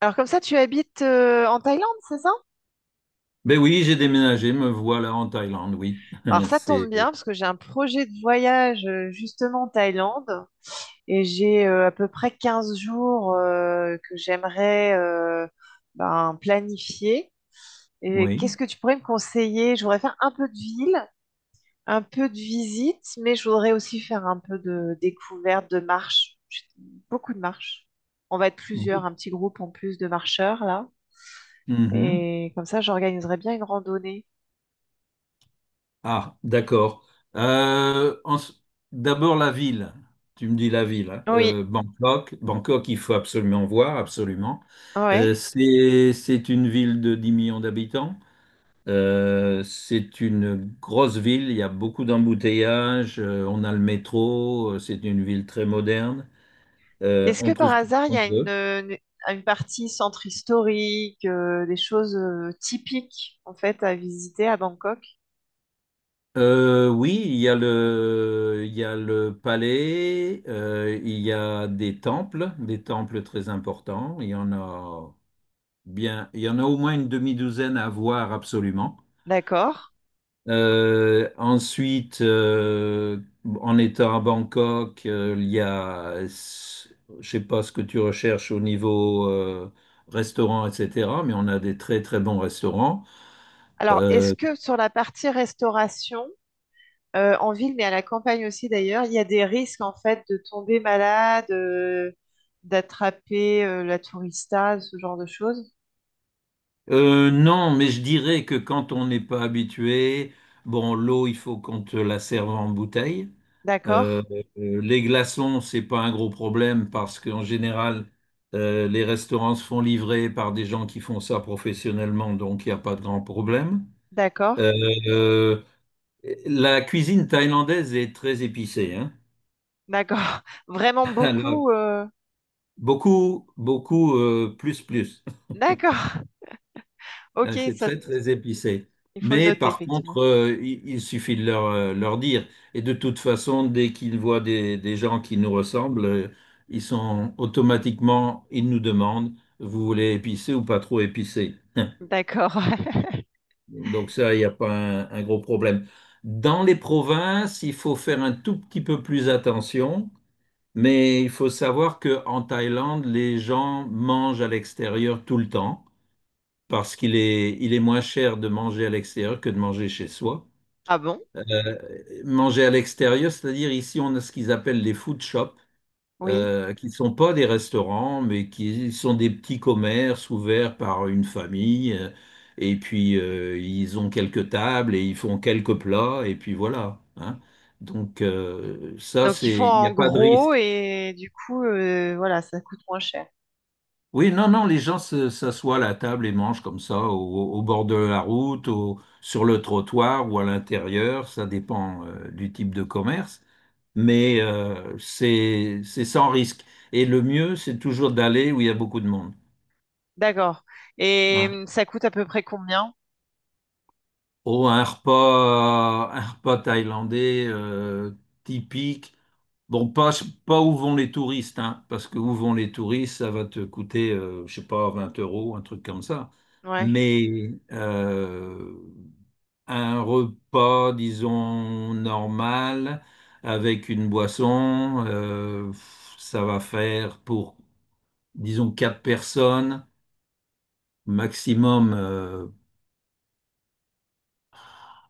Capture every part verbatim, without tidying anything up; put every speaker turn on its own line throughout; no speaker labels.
Alors comme ça, tu habites euh, en Thaïlande, c'est ça?
Ben oui, j'ai déménagé, me voilà en Thaïlande, oui.
Alors ça tombe
C'est
bien parce que j'ai un projet de voyage euh, justement en Thaïlande et j'ai euh, à peu près quinze jours euh, que j'aimerais euh, ben, planifier. Et
oui.
qu'est-ce que tu pourrais me conseiller? Je voudrais faire un peu de ville, un peu de visite, mais je voudrais aussi faire un peu de découverte, de marche, beaucoup de marche. On va être plusieurs, un petit groupe en plus de marcheurs là.
Mhm.
Et comme ça, j'organiserai bien une randonnée.
Ah, d'accord. Euh, en s- D'abord la ville. Tu me dis la ville, hein.
Oui,
Euh, Bangkok. Bangkok, il faut absolument voir, absolument. Euh,
ouais.
c'est c'est une ville de dix millions d'habitants. Euh, c'est une grosse ville. Il y a beaucoup d'embouteillages. Euh, on a le métro. euh, C'est une ville très moderne. Euh,
Est-ce
on
que par
trouve tout ce
hasard, il y
qu'on
a une,
veut.
une- une partie centre historique, euh, des choses euh, typiques en fait à visiter à Bangkok?
Euh, oui, il y a le, il y a le palais, euh, il y a des temples, des temples très importants. Il y en a bien, il y en a au moins une demi-douzaine à voir absolument.
D'accord.
Euh, ensuite, euh, en étant à Bangkok, euh, il y a, je sais pas ce que tu recherches au niveau euh, restaurant, et cetera. Mais on a des très très bons restaurants.
Alors, est-ce
Euh,
que sur la partie restauration, euh, en ville, mais à la campagne aussi d'ailleurs, il y a des risques en fait de tomber malade, euh, d'attraper euh, la tourista, ce genre de choses?
Euh, non, mais je dirais que quand on n'est pas habitué, bon, l'eau, il faut qu'on te la serve en bouteille.
D'accord,
Euh, euh, les glaçons, c'est pas un gros problème parce qu'en général, euh, les restaurants se font livrer par des gens qui font ça professionnellement, donc il n'y a pas de grand problème.
d'accord,
Euh, euh, la cuisine thaïlandaise est très épicée, hein.
d'accord. Vraiment
Alors,
beaucoup. euh,
beaucoup, beaucoup, euh, plus, plus.
D'accord. Ok,
Euh, C'est
ça,
très, très épicé.
il faut le
Mais
noter
par contre,
effectivement.
euh, il, il suffit de leur, euh, leur dire. Et de toute façon, dès qu'ils voient des, des gens qui nous ressemblent, euh, ils sont automatiquement, ils nous demandent, vous voulez épicé ou pas trop épicé?
D'accord.
Donc ça, il n'y a pas un, un gros problème. Dans les provinces, il faut faire un tout petit peu plus attention, mais il faut savoir qu'en Thaïlande, les gens mangent à l'extérieur tout le temps parce qu'il est, il est moins cher de manger à l'extérieur que de manger chez soi.
Ah bon?
Manger à l'extérieur, c'est-à-dire ici, on a ce qu'ils appellent les food shops,
Oui.
euh, qui ne sont pas des restaurants, mais qui sont des petits commerces ouverts par une famille. euh, Et puis, euh, ils ont quelques tables et ils font quelques plats, et puis voilà, hein. Donc, euh, ça,
Donc ils font
c'est, il n'y
en
a pas de risque.
gros et du coup, euh, voilà, ça coûte moins cher.
Oui, non, non, les gens se- s'assoient à la table et mangent comme ça, au, au bord de la route, au- sur le trottoir ou à l'intérieur, ça dépend euh, du type de commerce, mais euh, c'est c'est sans risque. Et le mieux, c'est toujours d'aller où il y a beaucoup de monde.
D'accord. Et
Ouais.
hum, ça coûte à peu près combien?
Oh, un repas, euh, un repas thaïlandais euh, typique. Bon, pas, pas où vont les touristes, hein, parce que où vont les touristes, ça va te coûter, euh, je sais pas, vingt euros, un truc comme ça.
Ouais,
Mais euh, un repas, disons, normal, avec une boisson, euh, ça va faire pour, disons, quatre personnes, maximum euh,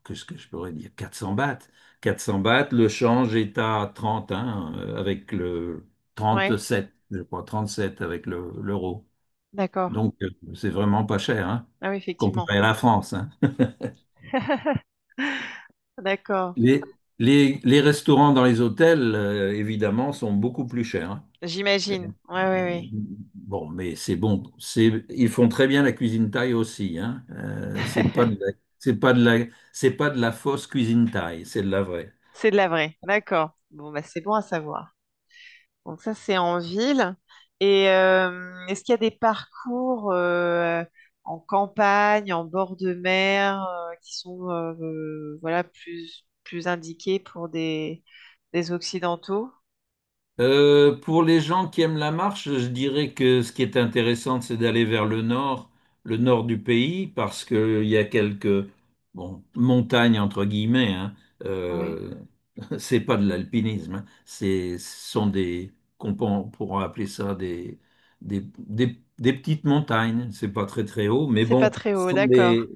qu'est-ce que je pourrais dire, 400 bahts. 400 bahts, le change est à trente, hein, euh, avec le
ouais,
trente-sept, je crois, trente-sept avec le- l'euro.
d'accord.
Donc, euh, c'est vraiment pas cher, hein,
Ah oui, effectivement.
comparé à la France, hein.
D'accord.
Les, les, les restaurants dans les hôtels, euh, évidemment, sont beaucoup plus chers, hein.
J'imagine.
Euh,
Ouais, ouais, ouais.
Bon, mais c'est bon. C'est, ils font très bien la cuisine thaï aussi, hein. Euh, c'est pas de la, c'est pas de la, c'est pas de la fausse cuisine thaï, c'est de la vraie.
C'est de la vraie. D'accord. Bon, bah c'est bon à savoir. Donc ça, c'est en ville. Et euh, est-ce qu'il y a des parcours euh, en campagne, en bord de mer, euh, qui sont euh, euh, voilà, plus, plus indiqués pour des, des Occidentaux?
Euh, pour les gens qui aiment la marche, je dirais que ce qui est intéressant, c'est d'aller vers le nord, le nord du pays, parce qu'il y a quelques bon, montagnes, entre guillemets, hein.
Oui.
Euh, c'est pas de l'alpinisme, hein. C'est, ce sont des, qu'on peut- on pourra appeler ça des, des, des, des petites montagnes. C'est pas très très haut, mais
C'est pas
bon,
très
ce
haut,
sont
d'accord.
des,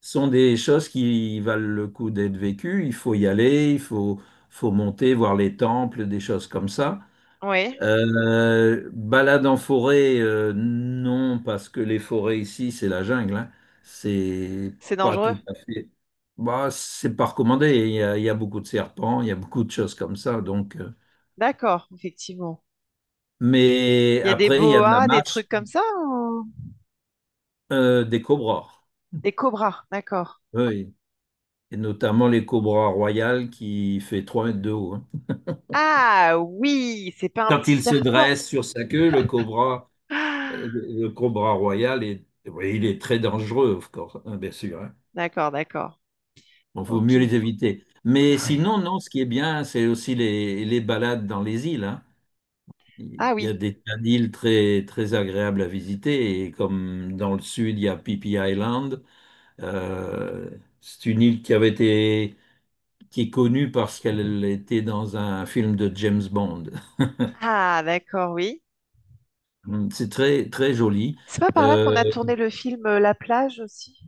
ce sont des choses qui valent le coup d'être vécues. Il faut y aller, il faut, faut monter, voir les temples, des choses comme ça.
Oui,
Euh, balade en forêt, euh, non, parce que les forêts ici, c'est la jungle, hein. C'est
c'est
pas
dangereux.
tout à fait. Bah, c'est pas recommandé. Il y a, il y a beaucoup de serpents, il y a beaucoup de choses comme ça. Donc. euh.
D'accord, effectivement.
Mais
Il y a des
après, il y a de la
boas, des trucs
marche,
comme ça, ou-
euh, des cobras.
Des cobras, d'accord.
Oui. Et notamment les cobras royales qui fait trois mètres de haut, hein.
Ah oui, c'est pas un
Quand
petit
il se
serpent.
dresse sur sa queue, le cobra,
Ah,
euh, le cobra royal est, oui, il est très dangereux, of course, hein, bien sûr, hein.
d'accord, d'accord.
Bon, faut
Ok.
mieux les éviter. Mais
Ouais.
sinon, non, ce qui est bien, c'est aussi les, les balades dans les îles, hein. Il
Ah
y a
oui.
des tas d'îles très, très agréables à visiter. Et comme dans le sud, il y a Phi Island. Euh, c'est une île qui avait été, qui est connue parce qu'elle était dans un film de James Bond.
Ah, d'accord, oui.
C'est très, très joli.
C'est pas par là
Euh,
qu'on a tourné le film euh, La plage aussi?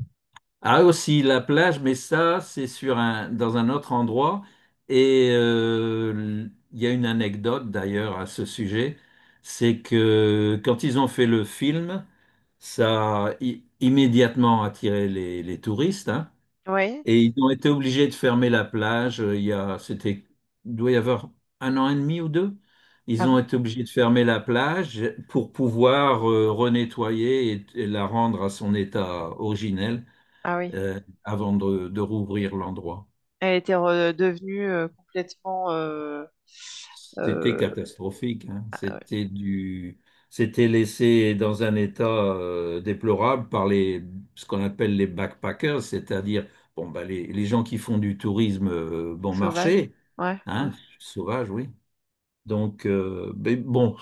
Ah aussi la plage, mais ça c'est sur un dans un autre endroit et euh, il y a une anecdote d'ailleurs à ce sujet, c'est que quand ils ont fait le film, ça a i- immédiatement attiré les, les touristes, hein,
Oui.
et ils ont été obligés de fermer la plage. euh, Il y a c'était il doit y avoir un an et demi ou deux.
Ah
Ils ont
bon?
été obligés de fermer la plage pour pouvoir euh, renettoyer et et la rendre à son état originel
Ah oui.
euh, avant de, de rouvrir l'endroit.
Elle était redevenue euh, complètement euh,
C'était
euh,
catastrophique, hein.
ah ouais,
C'était du, c'était laissé dans un état euh, déplorable par les, ce qu'on appelle les backpackers, c'est-à-dire bon, bah, les, les gens qui font du tourisme euh, bon
sauvage.
marché,
Ouais, ouais.
hein, sauvage, oui. Donc, euh, mais bon,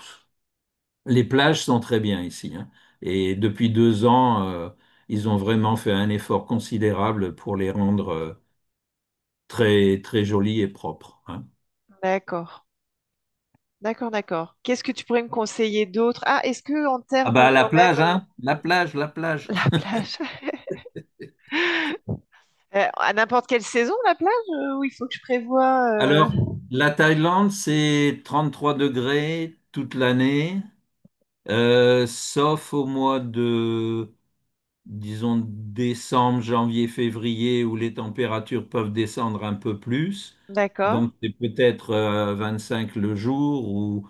les plages sont très bien ici, hein. Et depuis deux ans, euh, ils ont vraiment fait un effort considérable pour les rendre euh, très, très jolies et propres, hein.
D'accord. D'accord, d'accord. Qu'est-ce que tu pourrais me conseiller d'autre? Ah, est-ce que en
Ah
termes
bah la
quand même
plage,
euh,
hein? La plage, la plage.
la plage? Euh, à n'importe quelle saison, la plage, euh, ou il faut que je prévoie euh,
Alors, la Thaïlande, c'est trente-trois degrés toute l'année, euh, sauf au mois de, disons, décembre, janvier, février, où les températures peuvent descendre un peu plus.
D'accord.
Donc, c'est peut-être euh, cinq le jour, ou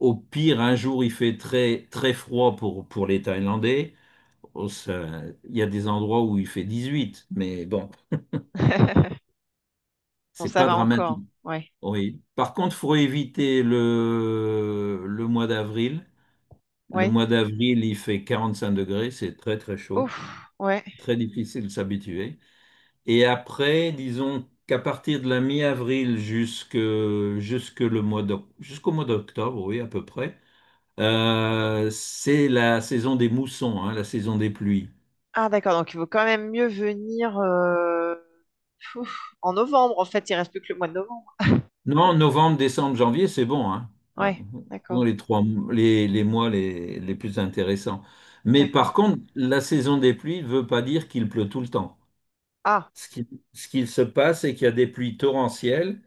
au pire, un jour, il fait très, très froid pour, pour les Thaïlandais. Oh, ça- Il y a des endroits où il fait dix-huit, mais bon,
Bon,
c'est
ça
pas
va
dramatique.
encore. Ouais.
Oui. Par contre, faut éviter le, le mois d'avril. Le
Ouais.
mois d'avril, il fait quarante-cinq degrés, c'est très très chaud,
Ouf. Ouais.
très difficile de s'habituer. Et après, disons qu'à partir de la mi-avril jusque, jusque le mois d'oc- jusqu'au mois d'octobre, oui, à peu près, euh, c'est la saison des moussons, hein, la saison des pluies.
Ah d'accord, donc il vaut quand même mieux venir euh, ouf, en novembre, en fait, il reste plus que le mois de novembre.
Non, novembre, décembre, janvier, c'est bon, hein. Ah,
Ouais,
dans
d'accord,
les trois, les, les mois les, les plus intéressants. Mais
d'accord.
par contre, la saison des pluies ne veut pas dire qu'il pleut tout le temps.
Ah,
Ce qui, Ce qu'il se passe, c'est qu'il y a des pluies torrentielles,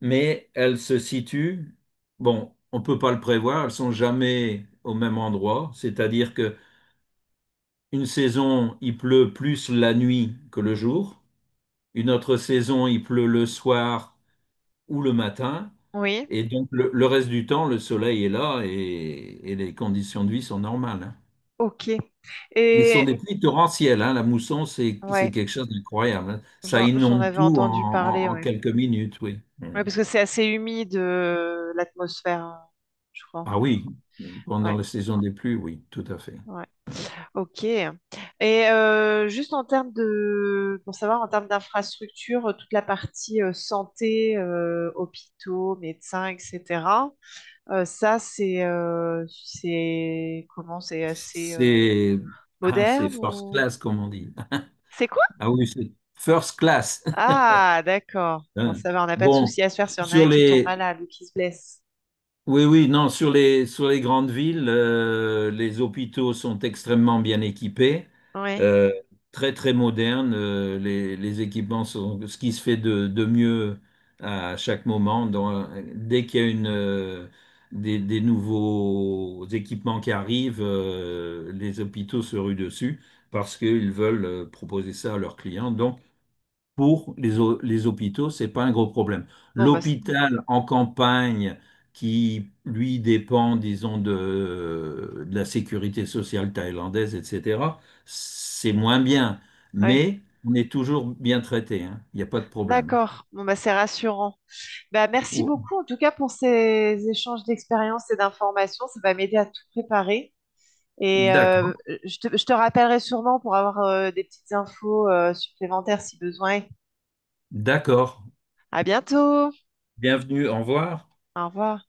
mais elles se situent, bon, on ne peut pas le prévoir, elles sont jamais au même endroit. C'est-à-dire que une saison, il pleut plus la nuit que le jour. Une autre saison, il pleut le soir ou le matin.
oui,
Et donc, le, le reste du temps, le soleil est là et, et les conditions de vie sont normales, hein.
ok.
Mais ce sont des,
Et
Ouais. pluies torrentielles, hein. La mousson, c'est c'est
ouais,
quelque chose d'incroyable, hein. Ça
j'en j'en
inonde
avais
tout en,
entendu parler,
en- en
ouais.
quelques minutes, oui.
Ouais,
Mm.
parce que c'est assez humide euh, l'atmosphère, hein, je crois.
Ah oui, pendant
Ouais,
la saison des pluies, oui, tout à fait.
ouais.
Hein.
Ok. Et euh, juste en termes de, pour savoir, en termes d'infrastructure, toute la partie euh, santé, euh, hôpitaux, médecins, et cetera. Euh, ça, c'est euh, c'est comment? C'est assez euh,
C'est ah, c'est
moderne
first
ou
class, comme on dit.
c'est quoi?
Ah oui, c'est first class.
Ah, d'accord. Bon,
Hein.
ça va, on n'a pas de
Bon,
souci à se faire si on a un
sur
qui tombe
les,
malade ou qui se blesse.
oui, oui, non, sur les, sur les grandes villes, euh, les hôpitaux sont extrêmement bien équipés,
Oui.
euh, très, très modernes. euh, les, les équipements sont ce qui se fait de, de mieux à chaque moment. Dans- dès qu'il y a une, euh, des, des nouveaux équipements qui arrivent, euh, les hôpitaux se ruent dessus parce qu'ils veulent euh, proposer ça à leurs clients. Donc, pour les, hô- les hôpitaux, c'est pas un gros problème.
Bon, bah c'est bien.
L'hôpital en campagne qui, lui, dépend, disons, de, de la sécurité sociale thaïlandaise, et cetera, c'est moins bien,
Oui.
mais on est toujours bien traité, hein. Il n'y a pas de problème.
D'accord. Bon, bah c'est rassurant. Bah merci
Oh,
beaucoup en tout cas pour ces échanges d'expériences et d'informations. Ça va m'aider à tout préparer. Et euh,
d'accord,
je te, je te rappellerai sûrement pour avoir euh, des petites infos euh, supplémentaires si besoin.
d'accord.
À bientôt.
Bienvenue, au revoir.
Au revoir.